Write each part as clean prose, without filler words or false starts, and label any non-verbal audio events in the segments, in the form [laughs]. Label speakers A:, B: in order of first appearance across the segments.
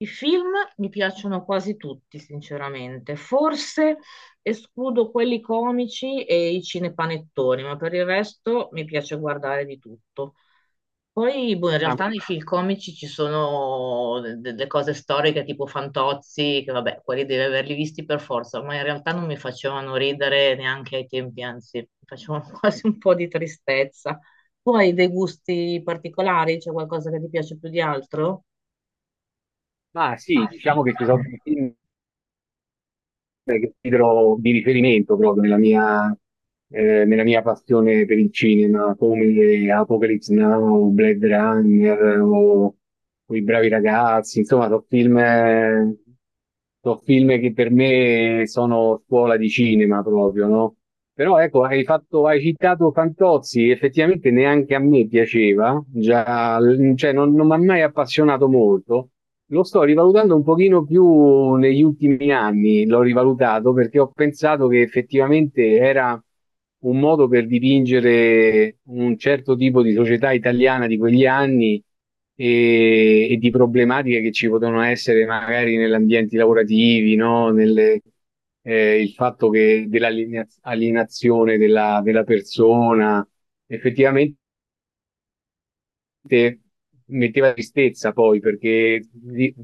A: I film mi piacciono quasi tutti, sinceramente. Forse escludo quelli comici e i cinepanettoni, ma per il resto mi piace guardare di tutto. Poi, boh, in
B: Ma,
A: realtà
B: qui-
A: nei film comici ci sono delle cose storiche tipo Fantozzi, che vabbè, quelli devi averli visti per forza, ma in realtà non mi facevano ridere neanche ai tempi, anzi, mi facevano [laughs] quasi un po' di tristezza. Tu hai dei gusti particolari? C'è qualcosa che ti piace più di altro?
B: ma sì, diciamo che ci sono dei film che considero di riferimento proprio nella nella mia passione per il cinema, come Apocalypse Now, Blade Runner o I Bravi Ragazzi, insomma, sono film, sono film che per me sono scuola di cinema proprio, no? Però ecco, hai citato Fantozzi, effettivamente neanche a me piaceva, già, cioè non mi ha mai appassionato molto. Lo sto rivalutando un pochino più negli ultimi anni, l'ho rivalutato perché ho pensato che effettivamente era un modo per dipingere un certo tipo di società italiana di quegli anni e di problematiche che ci potevano essere magari negli ambienti lavorativi, no? Il fatto che dell'alienazione della persona, effettivamente metteva tristezza poi perché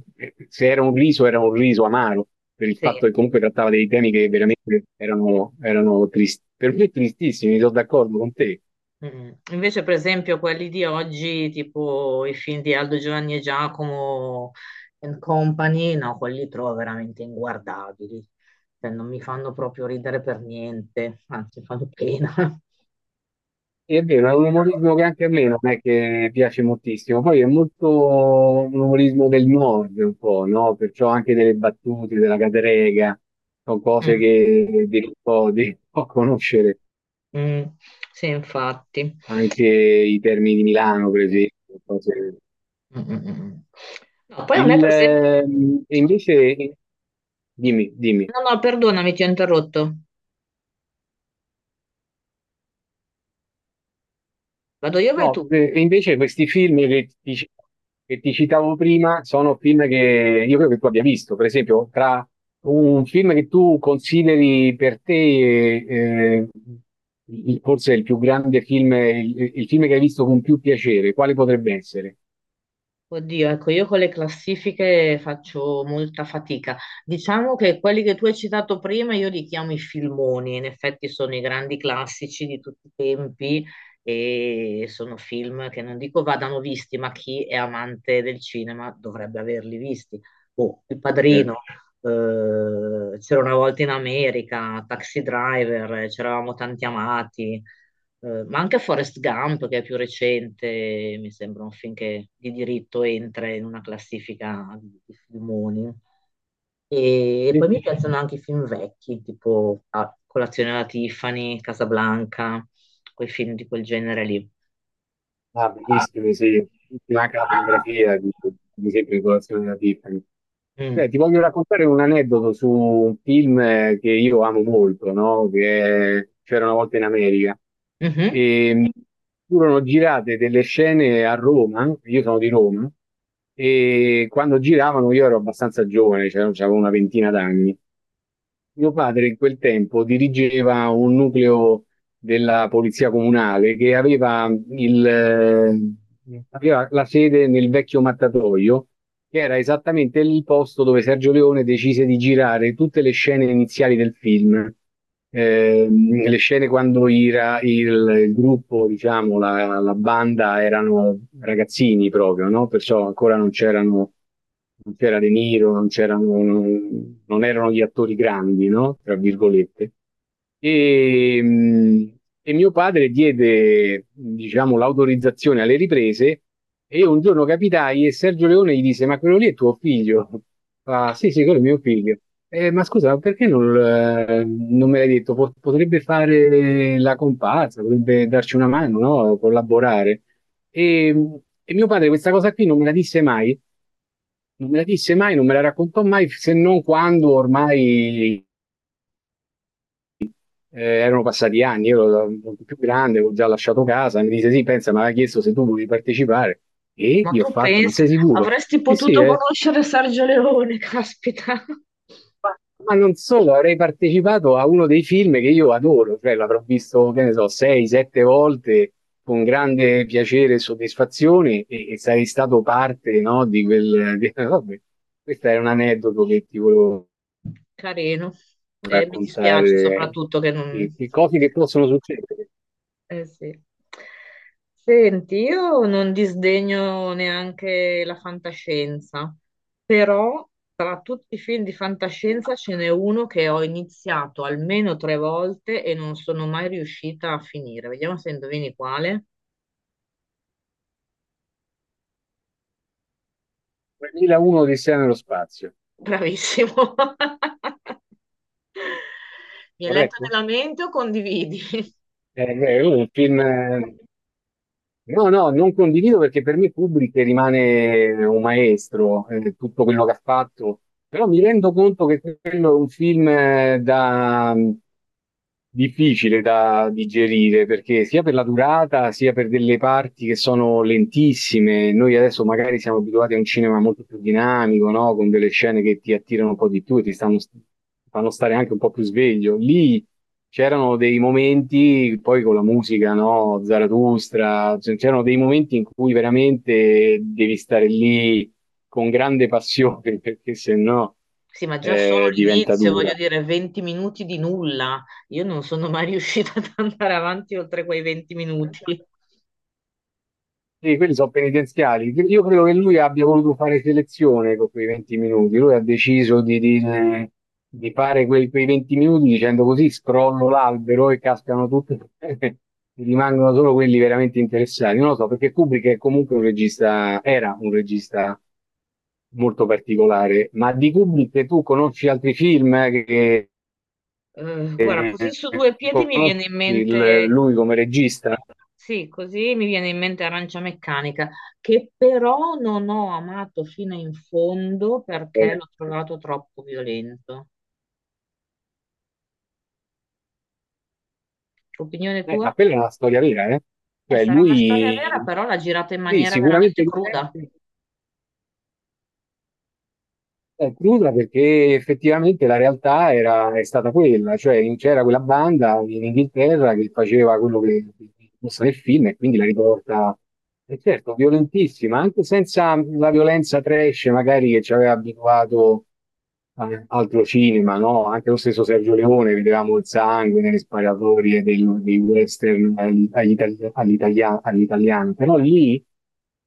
B: se era un riso era un riso amaro per il fatto
A: Sì.
B: che comunque trattava dei temi che veramente erano tristi. Per me tristissimi, sono d'accordo con te.
A: Mm. Invece, per esempio, quelli di oggi, tipo i film di Aldo Giovanni e Giacomo and Company, no, quelli li trovo veramente inguardabili. Cioè, non mi fanno proprio ridere per niente, anzi, fanno pena.
B: E è vero, è un umorismo che anche a me
A: [laughs]
B: non è che piace moltissimo. Poi è molto un umorismo del nord, un po', no? Perciò anche delle battute, della cadrega, sono cose
A: Mm,
B: che devi un po' conoscere.
A: mm, sì, infatti.
B: Anche i termini di Milano, per esempio, cose
A: Mm, mm, mm. Mm. No, poi a me, per esempio,
B: E invece, dimmi.
A: no, no, perdonami, ti ho interrotto. Vado io, o vai tu.
B: No, e invece questi film che ti citavo prima sono film che io credo che tu abbia visto. Per esempio, tra un film che tu consideri per te, forse il più grande film, il film che hai visto con più piacere, quale potrebbe essere?
A: Oddio, ecco, io con le classifiche faccio molta fatica. Diciamo che quelli che tu hai citato prima io li chiamo i filmoni, in effetti sono i grandi classici di tutti i tempi e sono film che non dico vadano visti, ma chi è amante del cinema dovrebbe averli visti. Boh, Il
B: Eh,
A: Padrino, c'era una volta in America, Taxi Driver, c'eravamo tanti amati. Ma anche Forrest Gump, che è più recente, mi sembra un film che di diritto entra in una classifica di filmoni. E poi
B: sì?
A: mi piacciono anche i film vecchi, tipo ah, Colazione alla Tiffany, Casablanca, quei film di quel genere lì.
B: Ah, bellissimi, sì. Tutti anche la fotografia di sempre di colazione della Tiffany.
A: Mm.
B: Beh, ti voglio raccontare un aneddoto su un film che io amo molto, no? Che c'era una volta in America.
A: Mhm.
B: E furono girate delle scene a Roma, io sono di Roma, e quando giravano io ero abbastanza giovane, cioè avevo una ventina d'anni. Mio padre in quel tempo dirigeva un nucleo della polizia comunale che aveva la sede nel vecchio mattatoio che era esattamente il posto dove Sergio Leone decise di girare tutte le scene iniziali del film. Le scene quando il gruppo, diciamo, la banda erano ragazzini proprio, no? Perciò ancora non c'era De Niro, non c'erano, non, non erano gli attori grandi, no? Tra virgolette. E mio padre diede, diciamo, l'autorizzazione alle riprese e io un giorno capitai e Sergio Leone gli disse, ma quello lì è tuo figlio? Fa, sì, sì, quello è mio figlio. Ma scusa, ma perché non me l'hai detto? Potrebbe fare la comparsa, potrebbe darci una mano, no? Collaborare. E, e mio padre questa cosa qui non me la disse mai, non me la raccontò mai, se non quando ormai erano passati anni, io ero molto più grande, avevo già lasciato casa, mi disse sì, pensa, mi aveva chiesto se tu volevi partecipare e
A: Ma
B: io ho
A: tu
B: fatto, ma
A: pensa,
B: sei sicuro?
A: avresti
B: Sì, sì,
A: potuto
B: eh.
A: conoscere Sergio Leone, [laughs] caspita.
B: Ma, ma non solo, avrei partecipato a uno dei film che io adoro, cioè l'avrò visto, che ne so, sei, sette volte con grande piacere e soddisfazione e sarei stato parte, no, di quel... [laughs] vabbè, questo è un aneddoto che ti volevo
A: Carino. E mi dispiace
B: raccontare,
A: soprattutto che non...
B: e cose che possono succedere.
A: Eh sì. Senti, io non disdegno neanche la fantascienza, però tra tutti i film di fantascienza ce n'è uno che ho iniziato almeno tre volte e non sono mai riuscita a finire. Vediamo se indovini quale.
B: 2001 Odissea nello spazio,
A: Bravissimo. [laughs] Mi hai letto
B: corretto?
A: nella mente o condividi? [laughs]
B: Beh, è un film No, no, non condivido perché per me Kubrick rimane un maestro, tutto quello che ha fatto, però mi rendo conto che quello è un film difficile da digerire perché sia per la durata sia per delle parti che sono lentissime. Noi adesso magari siamo abituati a un cinema molto più dinamico, no? Con delle scene che ti attirano un po' di più e fanno stare anche un po' più sveglio. Lì c'erano dei momenti, poi con la musica, no? Zarathustra, cioè, c'erano dei momenti in cui veramente devi stare lì con grande passione, [laughs] perché se no
A: Sì, ma già solo
B: diventa
A: l'inizio,
B: dura.
A: voglio dire, 20 minuti di nulla. Io non sono mai riuscita ad andare avanti oltre quei 20 minuti.
B: Sì, quelli sono penitenziali. Io credo che lui abbia voluto fare selezione con quei 20 minuti. Lui ha deciso di fare quei 20 minuti dicendo così scrollo l'albero e cascano tutti, [laughs] e rimangono solo quelli veramente interessati. Non lo so, perché Kubrick è comunque un regista, era un regista molto particolare, ma di Kubrick tu conosci altri film eh, che,
A: Guarda,
B: che-
A: così su
B: eh,
A: due piedi mi
B: conosci
A: viene in mente,
B: lui come regista?
A: sì, così mi viene in mente Arancia Meccanica, che però non ho amato fino in fondo
B: Eh,
A: perché l'ho trovato troppo violento. Opinione
B: Ma
A: tua?
B: quella è una storia vera, eh?
A: Eh,
B: Cioè
A: sarà una storia vera,
B: lui,
A: però l'ha girata in
B: sì,
A: maniera veramente
B: sicuramente,
A: cruda.
B: è cruda perché effettivamente la realtà è stata quella, cioè c'era quella banda in Inghilterra che faceva quello che mostra nel film e quindi la riporta, e certo, violentissima, anche senza la violenza trash magari che ci aveva abituato a altro cinema, no? Anche lo stesso Sergio Leone, vedevamo il sangue nelle sparatorie dei western all'italiano, però lì.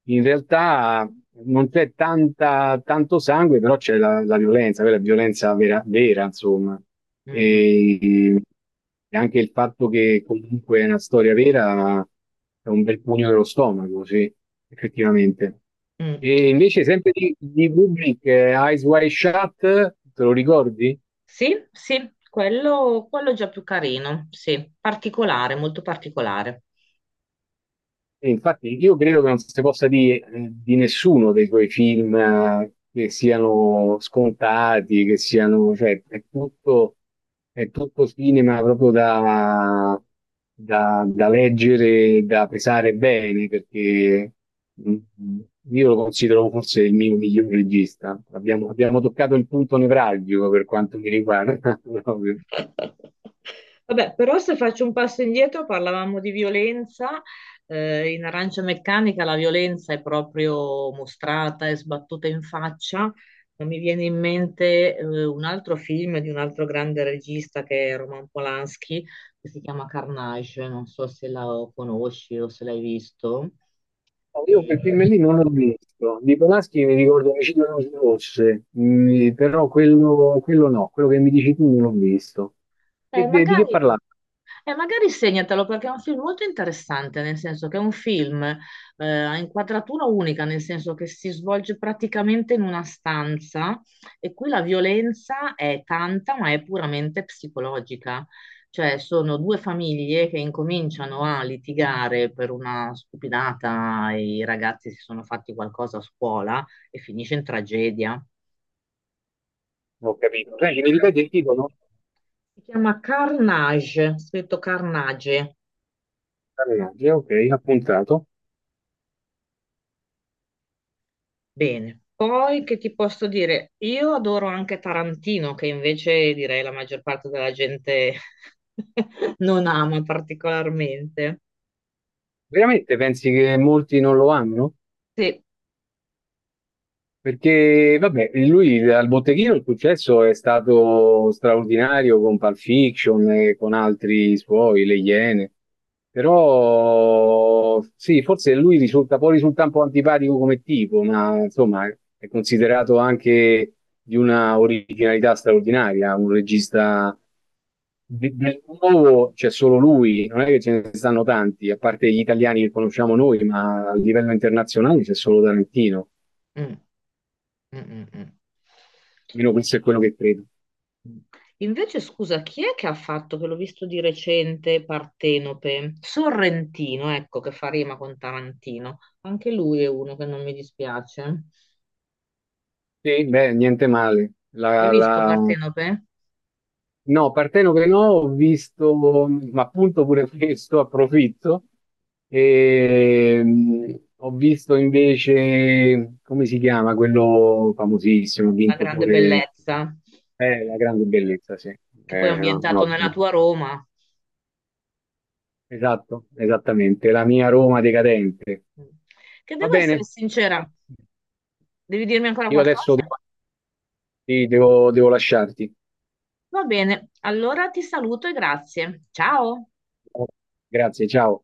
B: In realtà non c'è tanto sangue, però c'è la violenza, quella violenza vera, vera, insomma.
A: Mm, mm,
B: E, e anche il fatto che comunque è una storia vera è un bel pugno dello stomaco, sì, effettivamente.
A: mm.
B: E invece sempre di Kubrick, Eyes Wide Shut, te lo ricordi?
A: Sì, sì, quello è già più carino, sì, particolare, molto particolare.
B: E infatti io credo che non si possa dire di nessuno dei tuoi film che siano scontati, che siano, cioè, è tutto cinema proprio da, da leggere, da pesare bene, perché mm, mm, io lo considero forse il mio miglior regista. Abbiamo toccato il punto nevralgico per quanto mi riguarda, [laughs] proprio.
A: Vabbè, però se faccio un passo indietro, parlavamo di violenza. In Arancia Meccanica la violenza è proprio mostrata e sbattuta in faccia. Ma mi viene in mente un altro film di un altro grande regista che è Roman Polanski, che si chiama Carnage. Non so se la conosci o se l'hai visto.
B: No, Io quel film lì non l'ho visto. Di Polanski mi ricordo Omicidio alle Luci Rosse, però quello no, quello che mi dici tu non l'ho visto.
A: Eh,
B: Di che
A: magari,
B: parlava?
A: magari segnatelo perché è un film molto interessante, nel senso che è un film a inquadratura unica, nel senso che si svolge praticamente in una stanza e qui la violenza è tanta, ma è puramente psicologica. Cioè, sono due famiglie che incominciano a litigare per una stupidata, i ragazzi si sono fatti qualcosa a scuola e finisce in tragedia.
B: Non Ho capito. Senti, mi ripeti il titolo?
A: Si chiama Carnage, scritto Carnage.
B: Carnage, ok, appuntato.
A: Bene. Poi che ti posso dire? Io adoro anche Tarantino, che invece direi la maggior parte della gente [laughs] non ama particolarmente.
B: Veramente pensi che molti non lo amano?
A: Sì.
B: Perché, vabbè, lui al botteghino il successo è stato straordinario con Pulp Fiction e con altri suoi, Le Iene. Però sì, forse lui può risultare un po' antipatico come tipo, ma insomma è considerato anche di una originalità straordinaria, un regista del nuovo c'è solo lui, non è che ce ne stanno tanti, a parte gli italiani che conosciamo noi, ma a livello internazionale c'è solo Tarantino.
A: Mm, mm, mm, mm.
B: Almeno questo è quello che credo.
A: Mm. Invece, scusa, chi è che ha fatto, che l'ho visto di recente, Partenope? Sorrentino, ecco, che fa rima con Tarantino. Anche lui è uno che non mi dispiace.
B: Sì, beh, niente male.
A: Hai
B: La,
A: visto
B: la...
A: Partenope?
B: No, Parteno che no, ho visto, ma appunto pure [laughs] questo, approfitto. E, ho visto invece, come si chiama, quello famosissimo, ha
A: La
B: vinto
A: grande
B: pure
A: bellezza,
B: La grande bellezza, sì.
A: che poi è
B: No,
A: ambientato
B: no,
A: nella tua Roma,
B: esatto, esattamente, la mia Roma decadente.
A: che
B: Va
A: devo essere
B: bene,
A: sincera, devi dirmi ancora
B: io adesso
A: qualcosa?
B: devo, sì, devo lasciarti.
A: Va bene, allora ti saluto e grazie. Ciao.
B: Grazie, ciao.